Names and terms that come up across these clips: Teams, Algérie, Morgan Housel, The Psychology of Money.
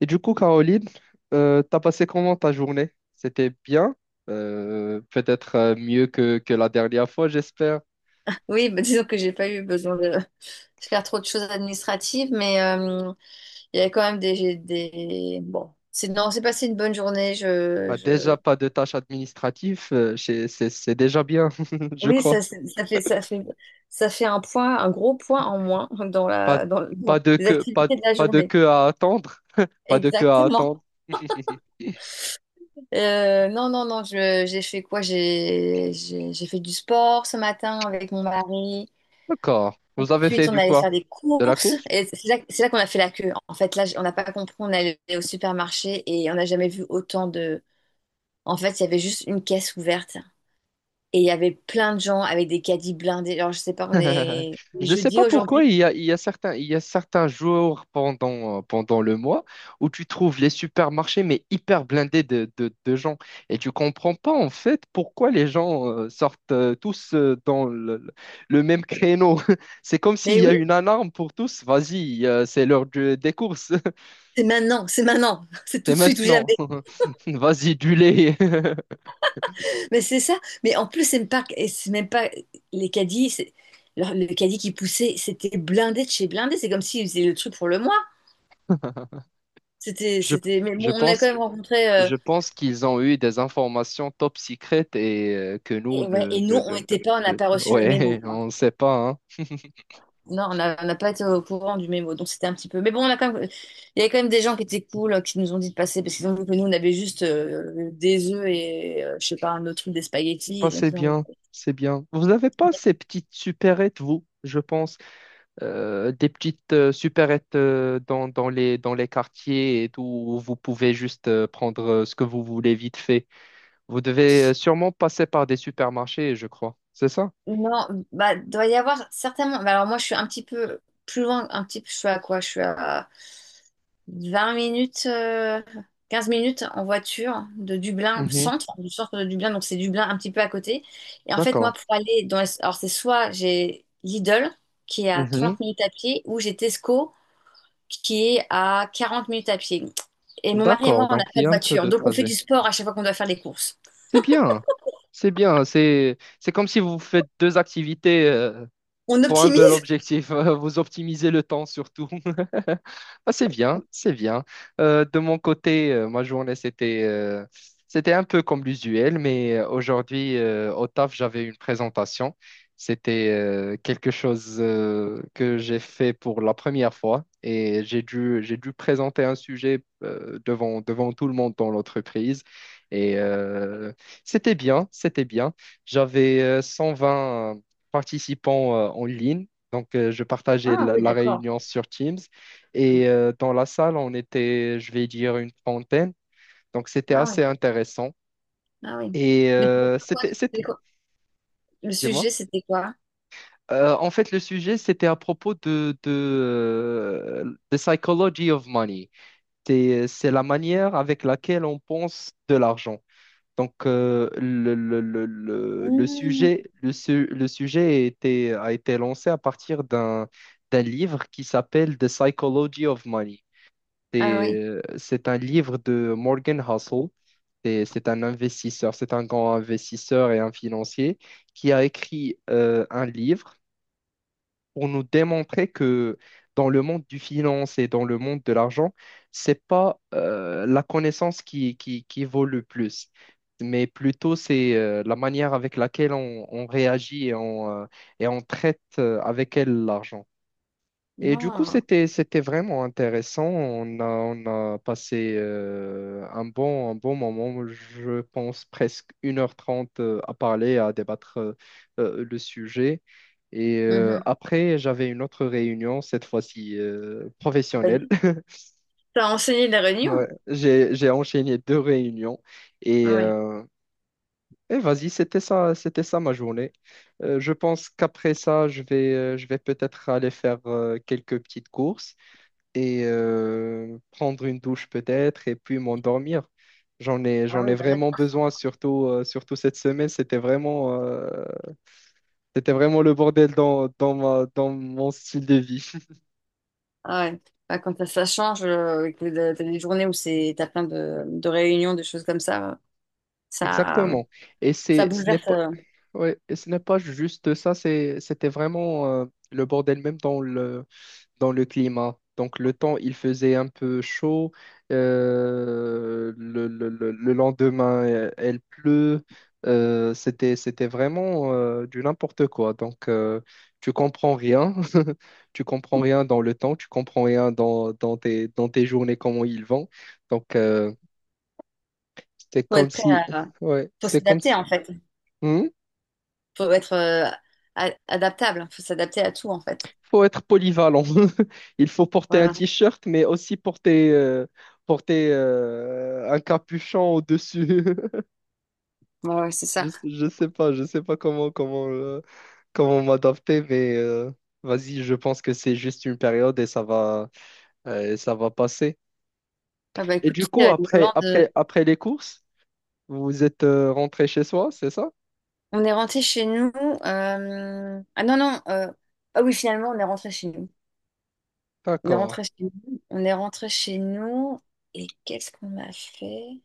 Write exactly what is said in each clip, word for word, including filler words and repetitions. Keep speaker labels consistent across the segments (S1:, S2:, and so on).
S1: Et du coup, Caroline, euh, t'as passé comment ta journée? C'était bien. Euh, peut-être euh, mieux que, que la dernière fois, j'espère.
S2: Oui, bah, disons que j'ai pas eu besoin de faire trop de choses administratives, mais euh, il y avait quand même des, des... Bon, c'est non, c'est passé une bonne journée. Je,
S1: Bah, déjà,
S2: je...
S1: pas de tâches administratives, euh, c'est c'est- c'est déjà bien, je
S2: Oui,
S1: crois.
S2: ça, c'est- ça fait, ça fait, ça fait un point, un gros point en moins dans
S1: Pas,
S2: la, dans, dans
S1: pas de
S2: les
S1: queue, pas,
S2: activités de la
S1: pas de
S2: journée.
S1: queue à attendre, pas de queue à
S2: Exactement.
S1: attendre.
S2: Euh, non, non, non, je, j'ai fait quoi? J'ai, j'ai, j'ai fait du sport ce matin avec mon mari.
S1: D'accord. Vous avez fait
S2: Ensuite, on
S1: du
S2: allait
S1: quoi?
S2: faire des
S1: De la
S2: courses.
S1: course?
S2: Et c'est là, c'est là qu'on a fait la queue. En fait, là, on n'a pas compris. On allait au supermarché et on n'a jamais vu autant de. En fait, il y avait juste une caisse ouverte et il y avait plein de gens avec des caddies blindés. Alors, je sais pas, on est on est
S1: Je ne sais
S2: jeudi
S1: pas pourquoi
S2: aujourd'hui.
S1: il y a, il y a certains, il y a certains jours pendant, euh, pendant le mois où tu trouves les supermarchés mais hyper blindés de, de, de gens. Et tu comprends pas en fait pourquoi les gens euh, sortent euh, tous euh, dans le, le même créneau. C'est comme s'il
S2: Mais
S1: y a
S2: oui,
S1: une alarme pour tous. Vas-y, euh, c'est l'heure du- des courses.
S2: c'est maintenant, c'est maintenant, c'est tout
S1: C'est
S2: de suite ou
S1: maintenant.
S2: jamais.
S1: Vas-y, du lait.
S2: Mais c'est ça. Mais en plus, c'est même pas, et c'est même pas les caddies. c'est- leur- Le caddie qui poussait, c'était blindé de chez blindé. C'est comme s'ils faisaient le truc pour le mois. C'était,
S1: Je,
S2: c'était. Mais bon,
S1: je
S2: on a quand
S1: pense.
S2: même rencontré. euh,
S1: Je pense qu'ils ont eu des informations top secrètes et euh, que nous,
S2: Et, ouais,
S1: ne,
S2: et nous,
S1: ne-
S2: on
S1: ne-
S2: n'était pas, on n'a
S1: ne- ne-
S2: pas reçu le mémo,
S1: ouais,
S2: quoi.
S1: on ne sait pas, hein.
S2: Non, on n'a on n'a pas été au courant du mémo, donc c'était un petit peu. Mais bon, on a quand même, il y avait quand même des gens qui étaient cool, euh, qui nous ont dit de passer, parce qu'ils ont vu que nous, on avait juste euh, des œufs et, euh, je sais pas, un autre truc, des
S1: Bah,
S2: spaghettis. Donc,
S1: c'est bien,
S2: ils
S1: c'est bien. Vous n'avez pas ces petites supérettes, vous, je pense, euh, des petites euh, supérettes euh, dans, dans les, dans les quartiers et tout, où vous pouvez juste euh, prendre euh, ce que vous voulez vite fait. Vous devez euh, sûrement passer par des supermarchés, je crois. C'est ça?
S2: non, bah, doit y avoir certainement. Bah, alors moi, je suis un petit peu plus loin, un petit peu, je suis à quoi? Je suis à vingt minutes, euh, quinze minutes en voiture de Dublin,
S1: Mhm.
S2: centre, du centre de Dublin, donc c'est Dublin un petit peu à côté. Et en fait, moi,
S1: D'accord.
S2: pour aller dans... les- Alors, c'est soit j'ai Lidl, qui est à
S1: Mhm.
S2: trente minutes à pied, ou j'ai Tesco, qui est à quarante minutes à pied. Et mon mari et
S1: D'accord,
S2: moi, on n'a
S1: donc il
S2: pas
S1: y
S2: de
S1: a un peu
S2: voiture,
S1: de
S2: donc on fait du
S1: trajet.
S2: sport à chaque fois qu'on doit faire des courses.
S1: C'est bien. C'est bien. C'est c'est comme si vous faites deux activités euh,
S2: On
S1: pour un
S2: optimise.
S1: seul objectif, euh, vous optimisez le temps surtout. Ah, c'est bien, c'est bien. Euh, de mon côté, euh, ma journée, c'était euh, c'était un peu comme l'usuel, mais euh, aujourd'hui, euh, au taf, j'avais une présentation. C'était euh, quelque chose euh, que j'ai fait pour la première fois et j'ai dû, j'ai dû présenter un sujet euh, devant, devant tout le monde dans l'entreprise. Et euh, C'était bien, c'était bien. J'avais euh, cent vingt participants euh, en ligne. Donc, euh, je partageais
S2: Ah
S1: la,
S2: oui,
S1: la
S2: d'accord.
S1: réunion sur Teams. Et euh, dans la salle, on était, je vais dire, une trentaine. Donc, c'était
S2: Ah oui,
S1: assez intéressant.
S2: ah oui.
S1: Et
S2: Mais c'était
S1: euh,
S2: quoi,
S1: c'était, c'était,
S2: c'était quoi- Le
S1: dis-moi.
S2: sujet, c'était quoi?
S1: Euh, en fait, le sujet, c'était à propos de, de, euh, the psychology of money. C'est, c'est la manière avec laquelle on pense de l'argent. Donc, euh, le, le, le, le, le
S2: Mmh.
S1: sujet, le, su- le sujet a été, a été lancé à partir d'un d'un livre qui s'appelle The Psychology of Money.
S2: Ah
S1: C'est
S2: oui.
S1: euh, c'est un livre de Morgan Housel. C'est c'est un investisseur, c'est un grand investisseur et un financier qui a écrit euh, un livre pour nous démontrer que dans le monde du finance et dans le monde de l'argent, c'est pas euh, la connaissance qui, qui, qui vaut le plus, mais plutôt c'est euh, la manière avec laquelle on, on réagit et on, euh, et on traite euh, avec elle l'argent. Et du coup,
S2: Non.
S1: c'était, c'était vraiment intéressant. On a, on a passé euh, un bon, un bon moment, je pense presque une heure trente euh, à parler, à débattre euh, euh, le sujet. Et euh,
S2: Mhm.
S1: après, j'avais une autre réunion, cette fois-ci euh, professionnelle.
S2: T'as enseigné la Réunion?
S1: Ouais, j'ai, j'ai enchaîné deux réunions et,
S2: Ah oui.
S1: euh, et vas-y, c'était ça, c'était ça ma journée. Euh, je pense qu'après ça, je vais, euh, je vais peut-être aller faire euh, quelques petites courses et euh, prendre une douche peut-être et puis m'endormir. J'en ai,
S2: Ah
S1: j'en ai
S2: oui, bah là,
S1: vraiment
S2: t'as-
S1: besoin, surtout, euh, surtout cette semaine. C'était vraiment, euh, c'était vraiment le bordel dans, dans ma- dans mon style de vie.
S2: Ah ouais. Ah, quand ça, ça change, euh, que t'as t'as des journées où c'est, t'as plein de, de réunions, de choses comme ça, euh, ça,
S1: Exactement. Et
S2: ça
S1: c'est, ce n'est
S2: bouleverse.
S1: pas,
S2: Euh,
S1: ouais, et ce n'est pas juste ça, c'est, c'était vraiment euh, le bordel même dans le, dans le climat. Donc le temps, il faisait un peu chaud. Euh, le, le- le- le lendemain, euh, elle pleut. euh, c'était, c'était vraiment euh, du n'importe quoi. Donc euh, tu comprends rien. Tu comprends rien dans le temps. Tu comprends rien dans, dans tes, dans tes journées, comment ils vont. Donc euh, c'est
S2: faut
S1: comme
S2: être prêt
S1: si...
S2: à,
S1: Ouais,
S2: faut
S1: c'est comme
S2: s'adapter
S1: si...
S2: en fait.
S1: Hmm,
S2: Faut être euh, a- adaptable. Faut s'adapter à tout en fait.
S1: faut être polyvalent. Il faut porter un
S2: Voilà.
S1: t-shirt, mais aussi porter, euh, porter euh, un capuchon au-dessus.
S2: Ouais, ouais, c'est
S1: Je,
S2: ça.
S1: je sais pas, je sais pas comment, comment, euh, comment m'adapter, mais euh, vas-y, je pense que c'est juste une période et ça va, euh, et ça va passer.
S2: Ah bah
S1: Et
S2: écoute,
S1: du
S2: tu sais,
S1: coup,
S2: euh,
S1: après,
S2: l'Irlande, euh,
S1: après, après les courses, vous êtes euh, rentré chez soi, c'est ça?
S2: on est rentré chez nous. euh, Ah non non. euh, Ah oui, finalement, on est rentré chez nous. On est
S1: D'accord.
S2: rentré chez nous. On est rentré chez nous. Et qu'est-ce qu'on a fait?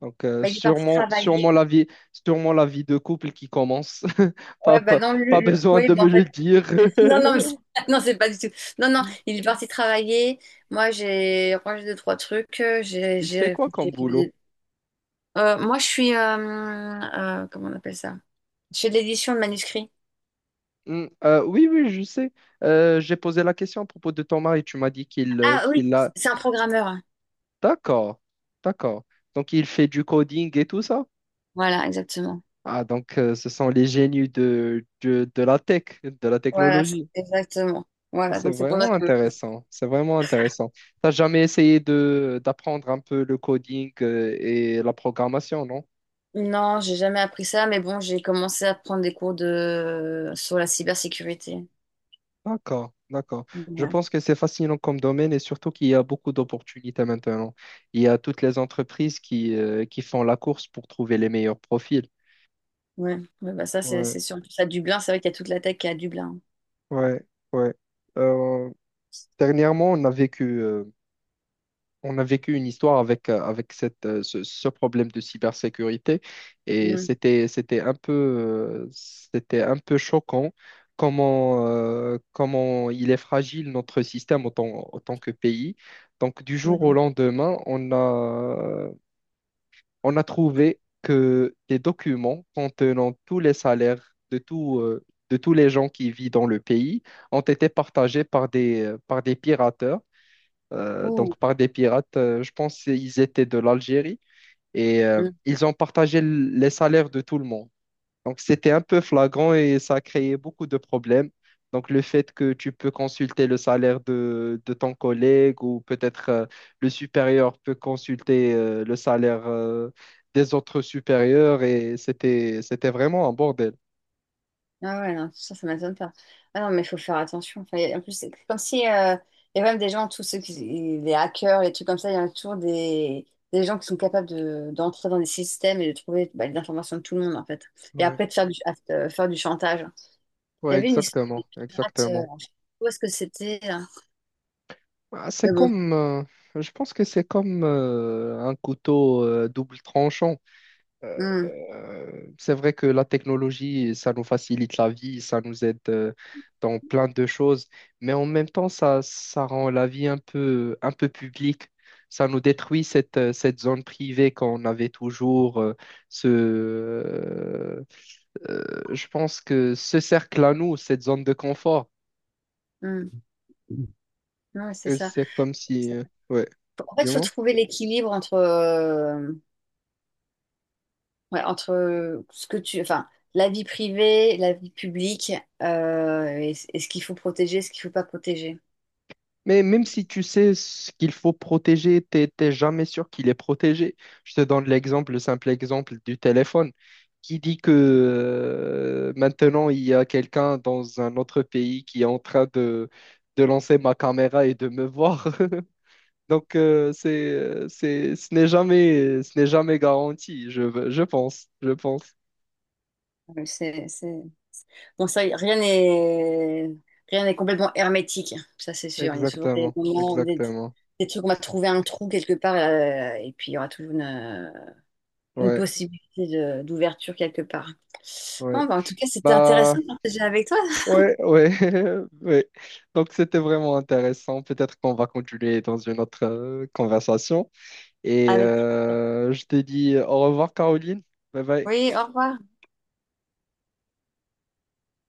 S1: Donc, euh,
S2: Bah, il est parti
S1: sûrement, sûrement
S2: travailler.
S1: la vie, sûrement la vie de couple qui commence. Pas,
S2: Ouais, bah
S1: pas,
S2: non, le-
S1: pas
S2: le-
S1: besoin
S2: oui,
S1: de
S2: bah,
S1: me
S2: en fait,
S1: le dire.
S2: non, non, mais c'est non, c'est pas du tout. Non, non, il est parti travailler. Moi, j'ai rangé deux, trois trucs. euh, J'ai,
S1: Il fait
S2: j'ai,
S1: quoi comme boulot?
S2: j'ai- euh, moi, je suis, euh, euh, comment on appelle ça? Je fais de l'édition de manuscrits.
S1: Hmm, euh, oui, oui, je sais. Euh, j'ai posé la question à propos de ton mari. Tu m'as dit qu'il euh,
S2: Ah oui,
S1: qu'il a...
S2: c'est un programmeur. Hein.
S1: D'accord, d'accord. Donc, il fait du coding et tout ça?
S2: Voilà, exactement.
S1: Ah, donc, euh, ce sont les génies de, de, de la tech, de la
S2: Voilà, c'est-
S1: technologie.
S2: exactement. Voilà,
S1: C'est
S2: donc c'est pour ça
S1: vraiment
S2: que
S1: intéressant. C'est vraiment intéressant. T'as jamais essayé de d'apprendre un peu le coding euh, et la programmation, non?
S2: non, j'ai jamais appris ça, mais bon, j'ai commencé à prendre des cours de sur la cybersécurité.
S1: D'accord, d'accord. Je
S2: Ouais.
S1: pense que c'est fascinant comme domaine et surtout qu'il y a beaucoup d'opportunités maintenant. Il y a toutes les entreprises qui, euh, qui font la course pour trouver les meilleurs profils.
S2: Ouais, ouais, bah ça, c'est
S1: Ouais,
S2: c'est sûr. En plus, à Dublin, c'est vrai qu'il y a toute la tech qui est à Dublin.
S1: ouais, ouais. Euh, dernièrement, on a vécu, euh, on a vécu une histoire avec, euh, avec cette, euh, ce, ce problème de cybersécurité et
S2: Mm,
S1: c'était, c'était un peu, euh, c'était un peu choquant comment, euh, comment il est fragile notre système en tant, en tant que pays. Donc du jour au
S2: mm,
S1: lendemain, on a, on a trouvé que des documents contenant tous les salaires de tout, euh, de tous les gens qui vivent dans le pays ont été partagés par des, par des pirates euh,
S2: ouh,
S1: donc par des pirates. Euh, je pense qu'ils étaient de l'Algérie et euh,
S2: mm.
S1: ils ont partagé l- les salaires de tout le monde. Donc c'était un peu flagrant et ça a créé beaucoup de problèmes. Donc le fait que tu peux consulter le salaire de, de ton collègue ou peut-être euh, le supérieur peut consulter euh, le salaire euh, des autres supérieurs et c'était c'était vraiment un bordel.
S2: Ah ouais, non, ça, ça m'étonne pas. Ah non, mais il faut faire attention. Enfin, y a- en plus, c'est comme si euh, il y a même des gens, tous ceux qui, les hackers, les trucs comme ça, il y a toujours des, des gens qui sont capables de, d'entrer dans des systèmes et de trouver bah, les informations de tout le monde, en fait. Et
S1: Ouais,
S2: après, de faire du, à- euh, faire du chantage. Il y
S1: ouais,
S2: avait une histoire des
S1: exactement,
S2: pirates, euh,
S1: exactement.
S2: où est-ce que c'était, là?
S1: Ah, c'est
S2: Mais bon,
S1: comme, euh, je pense que c'est comme euh, un couteau euh, double tranchant.
S2: mm,
S1: Euh, c'est vrai que la technologie, ça nous facilite la vie, ça nous aide euh, dans plein de choses, mais en même temps, ça, ça rend la vie un peu, un peu publique. Ça nous détruit cette, euh, cette zone privée qu'on avait toujours, euh, ce, euh, euh, je pense que ce cercle à nous, cette zone de confort.
S2: mm. Non, c'est
S1: Et
S2: ça.
S1: c'est comme si,
S2: C'est-
S1: euh, ouais,
S2: En fait, il faut trouver l'équilibre entre. euh, Ouais, entre euh, ce que tu, enfin, la vie privée, la vie publique, euh, et, et ce qu'il faut protéger, ce qu'il faut pas protéger.
S1: mais même si tu sais ce qu'il faut protéger, t'es, t'es jamais sûr qu'il est protégé. Je te donne l'exemple, le simple exemple du téléphone. Qui dit que euh, maintenant il y a quelqu'un dans un autre pays qui est en train de, de lancer ma caméra et de me voir? Donc euh, c'est, c'est, ce n'est jamais, ce n'est jamais garanti, je, je pense, je pense.
S2: Ouais, C'est, c'est... Bon, ça, rien n'est rien n'est complètement hermétique, ça c'est sûr. Il y a toujours des
S1: Exactement,
S2: moments, des,
S1: exactement.
S2: des trucs, on va trouver un trou quelque part, euh, et puis il y aura toujours une, euh, une
S1: Ouais,
S2: possibilité de- d'ouverture quelque part. Bon,
S1: ouais.
S2: bah, en tout cas, c'était
S1: Bah,
S2: intéressant de partager avec toi.
S1: ouais, ouais, ouais. Donc c'était vraiment intéressant. Peut-être qu'on va continuer dans une autre euh, conversation. Et
S2: Avec...
S1: euh, je te dis au revoir, Caroline. Bye bye.
S2: Oui, au revoir.